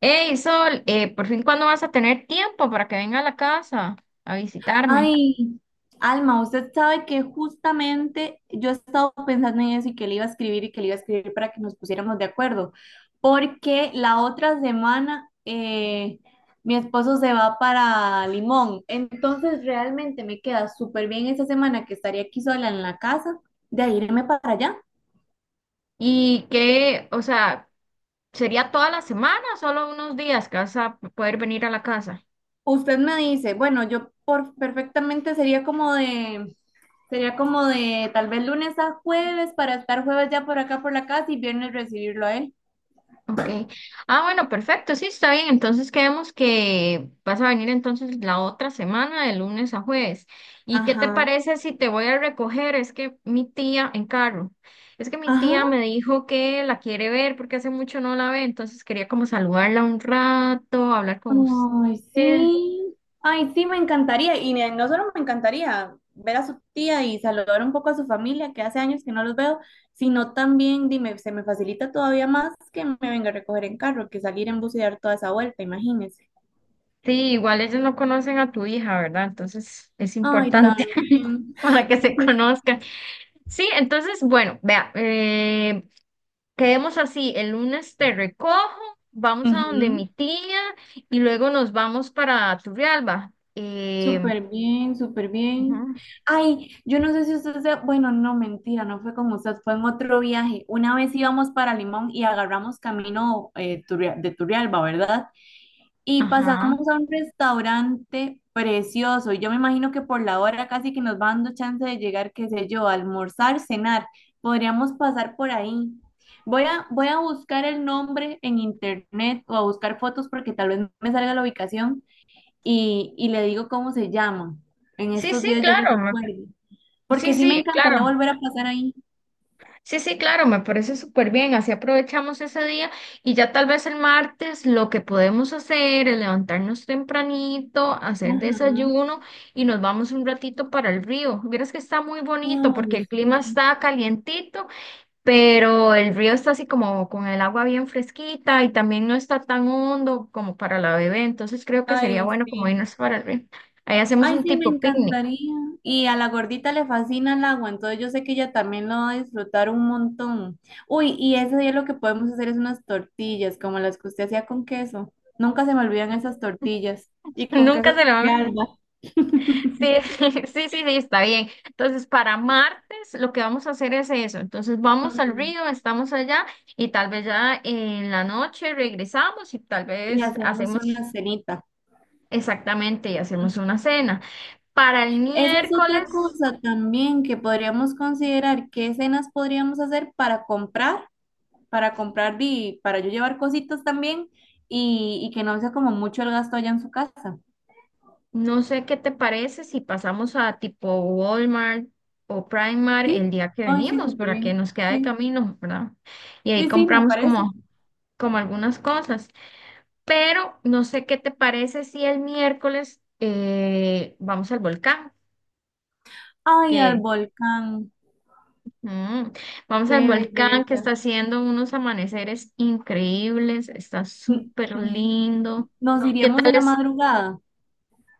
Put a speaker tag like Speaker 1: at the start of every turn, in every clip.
Speaker 1: Hey, Sol, por fin, ¿cuándo vas a tener tiempo para que venga a la casa a visitarme?
Speaker 2: Ay, Alma, usted sabe que justamente yo he estado pensando en eso y que le iba a escribir y que le iba a escribir para que nos pusiéramos de acuerdo, porque la otra semana mi esposo se va para Limón, entonces realmente me queda súper bien esa semana que estaría aquí sola en la casa de irme para allá.
Speaker 1: Y que, o sea, ¿sería toda la semana o solo unos días que vas a poder venir a la casa?
Speaker 2: Usted me dice, bueno, perfectamente sería como de tal vez lunes a jueves para estar jueves ya por acá por la casa y viernes recibirlo a él.
Speaker 1: Ok. Ah, bueno, perfecto. Sí, está bien. Entonces quedamos que vas a venir entonces la otra semana, de lunes a jueves. ¿Y qué te
Speaker 2: Ajá.
Speaker 1: parece si te voy a recoger? Es que mi tía en carro. Es que mi tía me
Speaker 2: Ajá.
Speaker 1: dijo que la quiere ver porque hace mucho no la ve, entonces quería como saludarla un rato, hablar con
Speaker 2: Ay,
Speaker 1: usted.
Speaker 2: sí. Ay, sí, me encantaría. Y no solo me encantaría ver a su tía y saludar un poco a su familia, que hace años que no los veo, sino también, dime, se me facilita todavía más que me venga a recoger en carro, que salir en bus y dar toda esa vuelta, imagínese.
Speaker 1: Sí, igual ellos no conocen a tu hija, ¿verdad? Entonces es
Speaker 2: Ay,
Speaker 1: importante
Speaker 2: también.
Speaker 1: para que se conozcan. Sí, entonces, bueno, vea, Quedemos así, el lunes te recojo, vamos a donde
Speaker 2: Ujú.
Speaker 1: mi tía y luego nos vamos para Turrialba.
Speaker 2: Súper bien, súper bien.
Speaker 1: Ujú.
Speaker 2: Ay, yo no sé si usted se... Bueno, no, mentira, no fue con usted, fue en otro viaje. Una vez íbamos para Limón y agarramos camino de Turrialba, ¿verdad? Y
Speaker 1: Ajá.
Speaker 2: pasamos a un restaurante precioso. Y yo me imagino que por la hora casi que nos va dando chance de llegar, qué sé yo, a almorzar, cenar. Podríamos pasar por ahí. Voy a buscar el nombre en internet o a buscar fotos porque tal vez me salga la ubicación y le digo cómo se llama. En
Speaker 1: Sí,
Speaker 2: estos
Speaker 1: sí,
Speaker 2: días yo le
Speaker 1: claro.
Speaker 2: recuerdo,
Speaker 1: Sí,
Speaker 2: porque sí me
Speaker 1: sí, claro.
Speaker 2: encantaría volver a pasar ahí.
Speaker 1: Sí, sí, claro, me parece súper bien. Así aprovechamos ese día y ya tal vez el martes lo que podemos hacer es levantarnos tempranito, hacer
Speaker 2: Ajá.
Speaker 1: desayuno y nos vamos un ratito para el río. Vieras que está muy bonito porque
Speaker 2: Ay,
Speaker 1: el clima
Speaker 2: sí,
Speaker 1: está calientito pero el río está así como con el agua bien fresquita y también no está tan hondo como para la bebé, entonces creo que sería
Speaker 2: ay,
Speaker 1: bueno como
Speaker 2: sí.
Speaker 1: irnos para el río. Ahí hacemos
Speaker 2: Ay,
Speaker 1: un
Speaker 2: sí, me
Speaker 1: tipo picnic.
Speaker 2: encantaría. Y a la gordita le fascina el agua, entonces yo sé que ella también lo va a disfrutar un montón. Uy, y ese día lo que podemos hacer es unas tortillas, como las que usted hacía con queso. Nunca se me olvidan esas tortillas. Y con
Speaker 1: Nunca
Speaker 2: queso
Speaker 1: se lo
Speaker 2: de
Speaker 1: van.
Speaker 2: alba.
Speaker 1: Sí, sí, sí, sí, está bien. Entonces, para martes lo que vamos a hacer es eso. Entonces, vamos al
Speaker 2: Ujú.
Speaker 1: río, estamos allá y tal vez ya en la noche regresamos y tal
Speaker 2: Y
Speaker 1: vez
Speaker 2: hacemos
Speaker 1: hacemos
Speaker 2: una cenita.
Speaker 1: exactamente y hacemos una cena. Para el
Speaker 2: Esa es otra
Speaker 1: miércoles.
Speaker 2: cosa también que podríamos considerar, qué escenas podríamos hacer para comprar y para yo llevar cositas también y que no sea como mucho el gasto allá en su casa.
Speaker 1: No sé qué te parece si pasamos a tipo Walmart o Primark el
Speaker 2: ¿Sí?
Speaker 1: día que
Speaker 2: Ay, sí,
Speaker 1: venimos,
Speaker 2: súper
Speaker 1: para que
Speaker 2: bien.
Speaker 1: nos queda de
Speaker 2: Sí,
Speaker 1: camino, ¿verdad? Y ahí
Speaker 2: sí, sí, me
Speaker 1: compramos
Speaker 2: parece.
Speaker 1: como, como algunas cosas. Pero no sé qué te parece si el miércoles vamos al volcán,
Speaker 2: Ay, al
Speaker 1: que
Speaker 2: volcán,
Speaker 1: mm, vamos
Speaker 2: qué
Speaker 1: al volcán que está
Speaker 2: belleza.
Speaker 1: haciendo unos amaneceres increíbles, está
Speaker 2: Mm,
Speaker 1: súper
Speaker 2: mm, mm, mm, mm.
Speaker 1: lindo.
Speaker 2: Nos
Speaker 1: ¿Qué
Speaker 2: iríamos
Speaker 1: tal
Speaker 2: en la
Speaker 1: es?
Speaker 2: madrugada.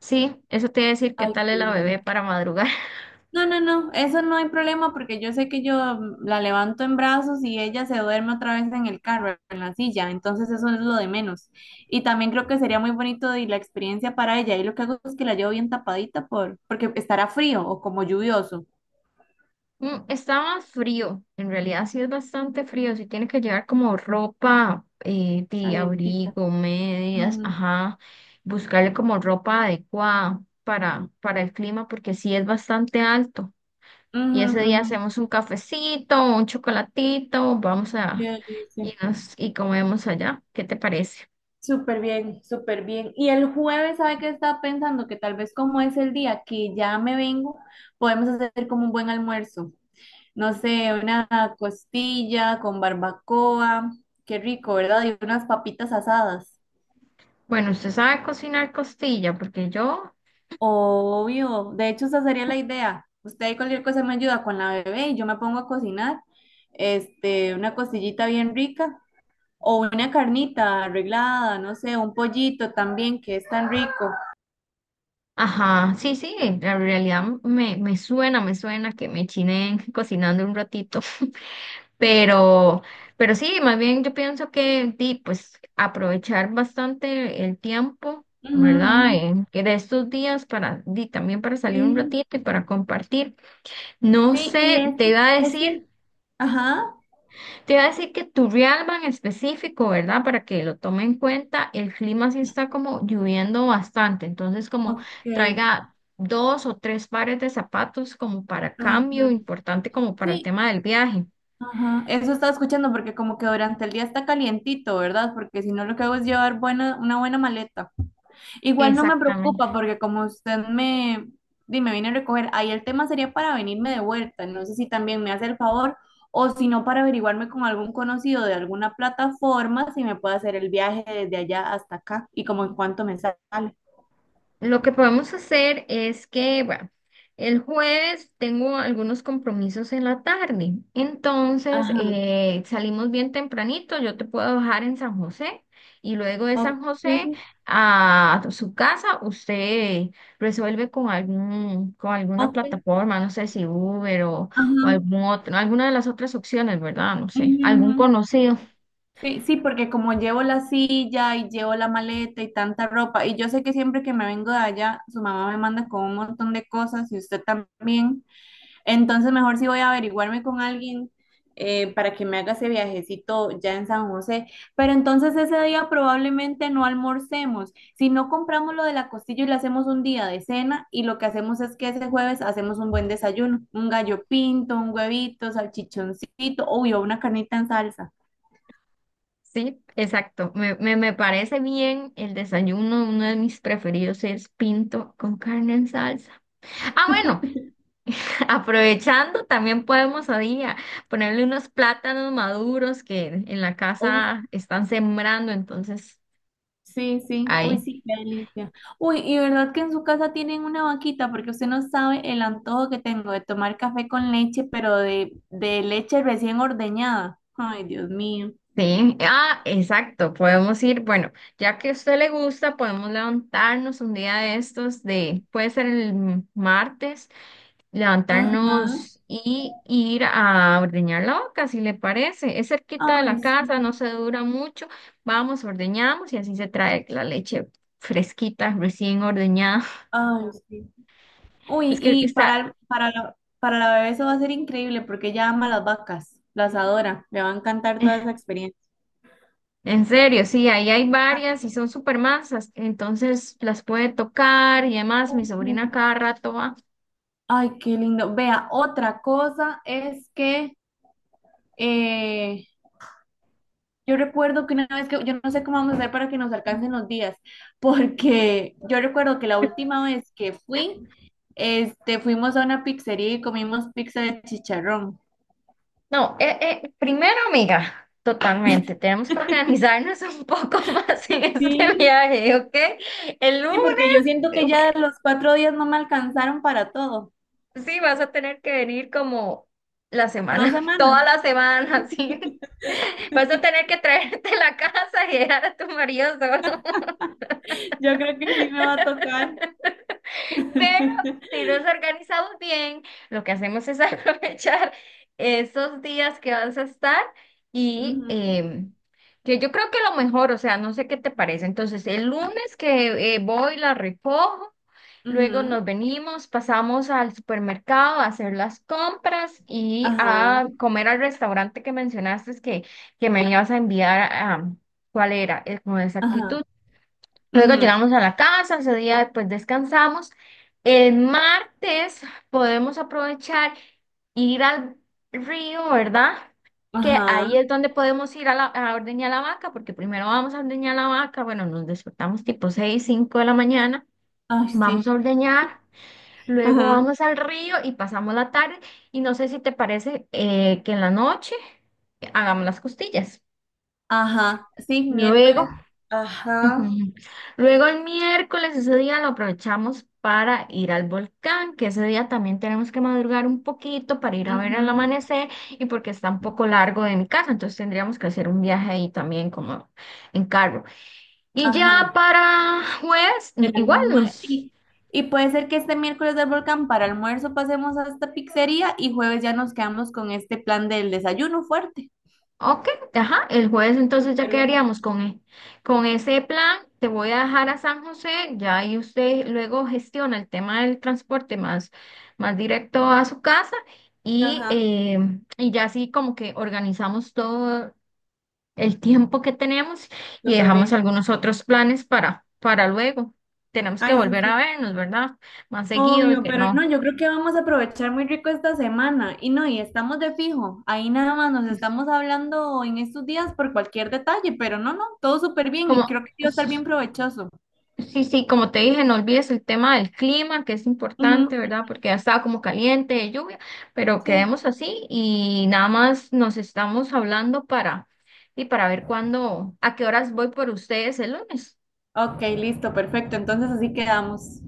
Speaker 1: Sí, eso te iba a decir, ¿qué
Speaker 2: Ay,
Speaker 1: tal
Speaker 2: qué
Speaker 1: es la bebé
Speaker 2: lindo.
Speaker 1: para madrugar?
Speaker 2: No, no, no, eso no hay problema porque yo sé que yo la levanto en brazos y ella se duerme otra vez en el carro, en la silla, entonces eso es lo de menos. Y también creo que sería muy bonito y la experiencia para ella. Y lo que hago es que la llevo bien tapadita porque estará frío o como lluvioso,
Speaker 1: Mm, está más frío, en realidad sí es bastante frío, sí tiene que llevar como ropa de
Speaker 2: calientita.
Speaker 1: abrigo, medias,
Speaker 2: Ujú,
Speaker 1: ajá, buscarle como ropa adecuada para el clima porque sí es bastante alto. Y
Speaker 2: ujú,
Speaker 1: ese día
Speaker 2: ujú.
Speaker 1: hacemos un cafecito, un chocolatito, vamos
Speaker 2: Qué
Speaker 1: a
Speaker 2: delicia.
Speaker 1: y nos y comemos allá. ¿Qué te parece?
Speaker 2: Súper bien, súper bien. Y el jueves, ¿sabe qué estaba pensando? Que tal vez como es el día que ya me vengo, podemos hacer como un buen almuerzo. No sé, una costilla con barbacoa, qué rico, ¿verdad? Y unas papitas asadas.
Speaker 1: Bueno, usted sabe cocinar costilla porque yo,
Speaker 2: Obvio, de hecho esa sería la idea. Usted ahí cualquier cosa me ayuda con la bebé y yo me pongo a cocinar, este, una costillita bien rica o una carnita arreglada, no sé, un pollito también que es tan rico.
Speaker 1: ajá, sí, sí, en realidad me, me suena que me chiné cocinando un ratito. Pero, pero sí, más bien yo pienso que di, pues aprovechar bastante el tiempo,
Speaker 2: Ujú,
Speaker 1: ¿verdad?
Speaker 2: ujú.
Speaker 1: En, que de estos días para di, también para salir un
Speaker 2: Sí,
Speaker 1: ratito y para compartir. No
Speaker 2: sí, y
Speaker 1: sé,
Speaker 2: ese,
Speaker 1: te iba a decir,
Speaker 2: ese, ajá,
Speaker 1: te iba a decir que Turrialba en específico, ¿verdad? Para que lo tome en cuenta, el clima sí está como lloviendo bastante, entonces como
Speaker 2: ok,
Speaker 1: traiga dos o tres pares de zapatos como para cambio,
Speaker 2: ajá.
Speaker 1: importante como para el
Speaker 2: Sí,
Speaker 1: tema del viaje.
Speaker 2: ajá, eso estaba escuchando porque como que durante el día está calientito, ¿verdad? Porque si no lo que hago es llevar buena, una buena maleta. Igual no me
Speaker 1: Exactamente.
Speaker 2: preocupa porque di, me viene a recoger, ahí el tema sería para venirme de vuelta. No sé si también me hace el favor o si no para averiguarme con algún conocido de alguna plataforma si me puede hacer el viaje desde allá hasta acá y como en cuánto me sale.
Speaker 1: Lo que podemos hacer es que, bueno, el jueves tengo algunos compromisos en la tarde, entonces
Speaker 2: Ajá,
Speaker 1: salimos bien tempranito, yo te puedo bajar en San José y luego de
Speaker 2: ok,
Speaker 1: San José a su casa usted resuelve con algún, con alguna
Speaker 2: ok,
Speaker 1: plataforma, no sé si Uber o
Speaker 2: ajá.
Speaker 1: algún otro, alguna de las otras opciones, ¿verdad? No sé,
Speaker 2: Ujú,
Speaker 1: algún
Speaker 2: ujú.
Speaker 1: conocido.
Speaker 2: Sí, sí, porque como llevo la silla y llevo la maleta y tanta ropa, y yo sé que siempre que me vengo de allá, su mamá me manda con un montón de cosas y usted también, entonces mejor sí voy a averiguarme con alguien para que me haga ese viajecito ya en San José. Pero entonces ese día probablemente no almorcemos, si no compramos lo de la costilla y le hacemos un día de cena y lo que hacemos es que ese jueves hacemos un buen desayuno, un gallo pinto, un huevito, salchichoncito, uy, o una carnita en salsa.
Speaker 1: Sí, exacto. Me parece bien el desayuno. Uno de mis preferidos es pinto con carne en salsa. Ah, bueno, aprovechando, también podemos ahí a día ponerle unos plátanos maduros que en la casa están sembrando. Entonces,
Speaker 2: Sí, sí. Uy,
Speaker 1: ahí.
Speaker 2: sí, qué delicia. Uy, y verdad que en su casa tienen una vaquita, porque usted no sabe el antojo que tengo de tomar café con leche, pero de leche recién ordeñada. Ay, Dios mío.
Speaker 1: Sí, ah, exacto. Podemos ir, bueno, ya que a usted le gusta, podemos levantarnos un día de estos de, puede ser el martes.
Speaker 2: Ajá.
Speaker 1: Levantarnos y ir a ordeñar la vaca, si le parece. Es cerquita de
Speaker 2: Ay,
Speaker 1: la casa, no
Speaker 2: sí.
Speaker 1: se dura mucho. Vamos, ordeñamos y así se trae la leche fresquita, recién ordeñada.
Speaker 2: Ay, sí. Uy,
Speaker 1: Es que
Speaker 2: y
Speaker 1: está,
Speaker 2: para la bebé eso va a ser increíble, porque ella ama las vacas, las adora. Le va a encantar toda esa experiencia.
Speaker 1: en serio, sí, ahí hay
Speaker 2: Ah,
Speaker 1: varias y son súper masas, entonces las puede tocar y además mi
Speaker 2: ujú.
Speaker 1: sobrina cada rato va.
Speaker 2: Ay, qué lindo. Vea, otra cosa es que eh, yo recuerdo que una vez que, yo no sé cómo vamos a hacer para que nos alcancen los días, porque yo recuerdo que la última vez que fui, este, fuimos a una pizzería y comimos pizza de chicharrón.
Speaker 1: No, primero, amiga, totalmente, tenemos que organizarnos un poco más en este
Speaker 2: Sí,
Speaker 1: viaje, ¿ok? El lunes
Speaker 2: sí, porque yo siento que ya los 4 días no me alcanzaron para todo.
Speaker 1: sí, vas a tener que venir como la
Speaker 2: Dos
Speaker 1: semana,
Speaker 2: semanas.
Speaker 1: toda la semana, sí. Vas a tener que traerte la casa y dejar a tu marido solo.
Speaker 2: Yo creo que sí me va a tocar.
Speaker 1: Pero si nos organizamos bien, lo que hacemos es aprovechar esos días que vas a estar y
Speaker 2: Ujú,
Speaker 1: que yo creo que lo mejor, o sea, no sé qué te parece. Entonces, el lunes que voy, la recojo, luego
Speaker 2: ujú,
Speaker 1: nos venimos, pasamos al supermercado a hacer las compras y
Speaker 2: ajá,
Speaker 1: a comer al restaurante que mencionaste que me ibas a enviar a... ¿Cuál era? Con exactitud.
Speaker 2: ajá,
Speaker 1: Luego
Speaker 2: ujú,
Speaker 1: llegamos a la casa, ese día pues descansamos. El martes podemos aprovechar ir al río, ¿verdad? Que
Speaker 2: ajá,
Speaker 1: ahí es donde podemos ir a, a ordeñar la vaca, porque primero vamos a ordeñar la vaca, bueno, nos despertamos tipo 6 5 de la mañana,
Speaker 2: ay,
Speaker 1: vamos a
Speaker 2: sí,
Speaker 1: ordeñar, luego
Speaker 2: ajá,
Speaker 1: vamos al río y pasamos la tarde, y no sé si te parece que en la noche hagamos las costillas.
Speaker 2: ajá, sí,
Speaker 1: Luego
Speaker 2: miércoles,
Speaker 1: Ujú.
Speaker 2: ajá,
Speaker 1: Luego el miércoles, ese día lo aprovechamos para ir al volcán, que ese día también tenemos que madrugar un poquito para ir a ver el
Speaker 2: ujú.
Speaker 1: amanecer y porque está un poco largo de mi casa, entonces tendríamos que hacer un viaje ahí también como en carro. Y ya
Speaker 2: Ajá.
Speaker 1: para jueves, mm,
Speaker 2: El
Speaker 1: igual
Speaker 2: almue-
Speaker 1: nos
Speaker 2: y, y puede ser que este miércoles del volcán para almuerzo pasemos a esta pizzería y jueves ya nos quedamos con este plan del desayuno fuerte.
Speaker 1: ok, ajá, el jueves entonces ya
Speaker 2: Súper bien.
Speaker 1: quedaríamos con, con ese plan. Te voy a dejar a San José, ya ahí usted luego gestiona el tema del transporte más, más directo a su casa y,
Speaker 2: Ajá,
Speaker 1: eh, y ya así como que organizamos todo el tiempo que tenemos y
Speaker 2: súper
Speaker 1: dejamos
Speaker 2: bien.
Speaker 1: algunos otros planes para luego. Tenemos que
Speaker 2: Ay, sí,
Speaker 1: volver a
Speaker 2: sí.
Speaker 1: vernos, ¿verdad? Más seguido y
Speaker 2: Obvio,
Speaker 1: que
Speaker 2: pero
Speaker 1: no,
Speaker 2: no, yo creo que vamos a aprovechar muy rico esta semana. Y no, y estamos de fijo. Ahí nada más nos estamos hablando en estos días por cualquier detalle, pero no, no, todo súper bien y
Speaker 1: como...
Speaker 2: creo que sí va a estar bien provechoso.
Speaker 1: Sí, sí, como te dije, no olvides el tema del clima, que es importante,
Speaker 2: Ujú,
Speaker 1: ¿verdad? Porque ya estaba como caliente, de lluvia, pero
Speaker 2: sí.
Speaker 1: quedemos así y nada más nos estamos hablando para, y para ver cuándo, a qué horas voy por ustedes el lunes.
Speaker 2: Ok, listo, perfecto. Entonces así quedamos.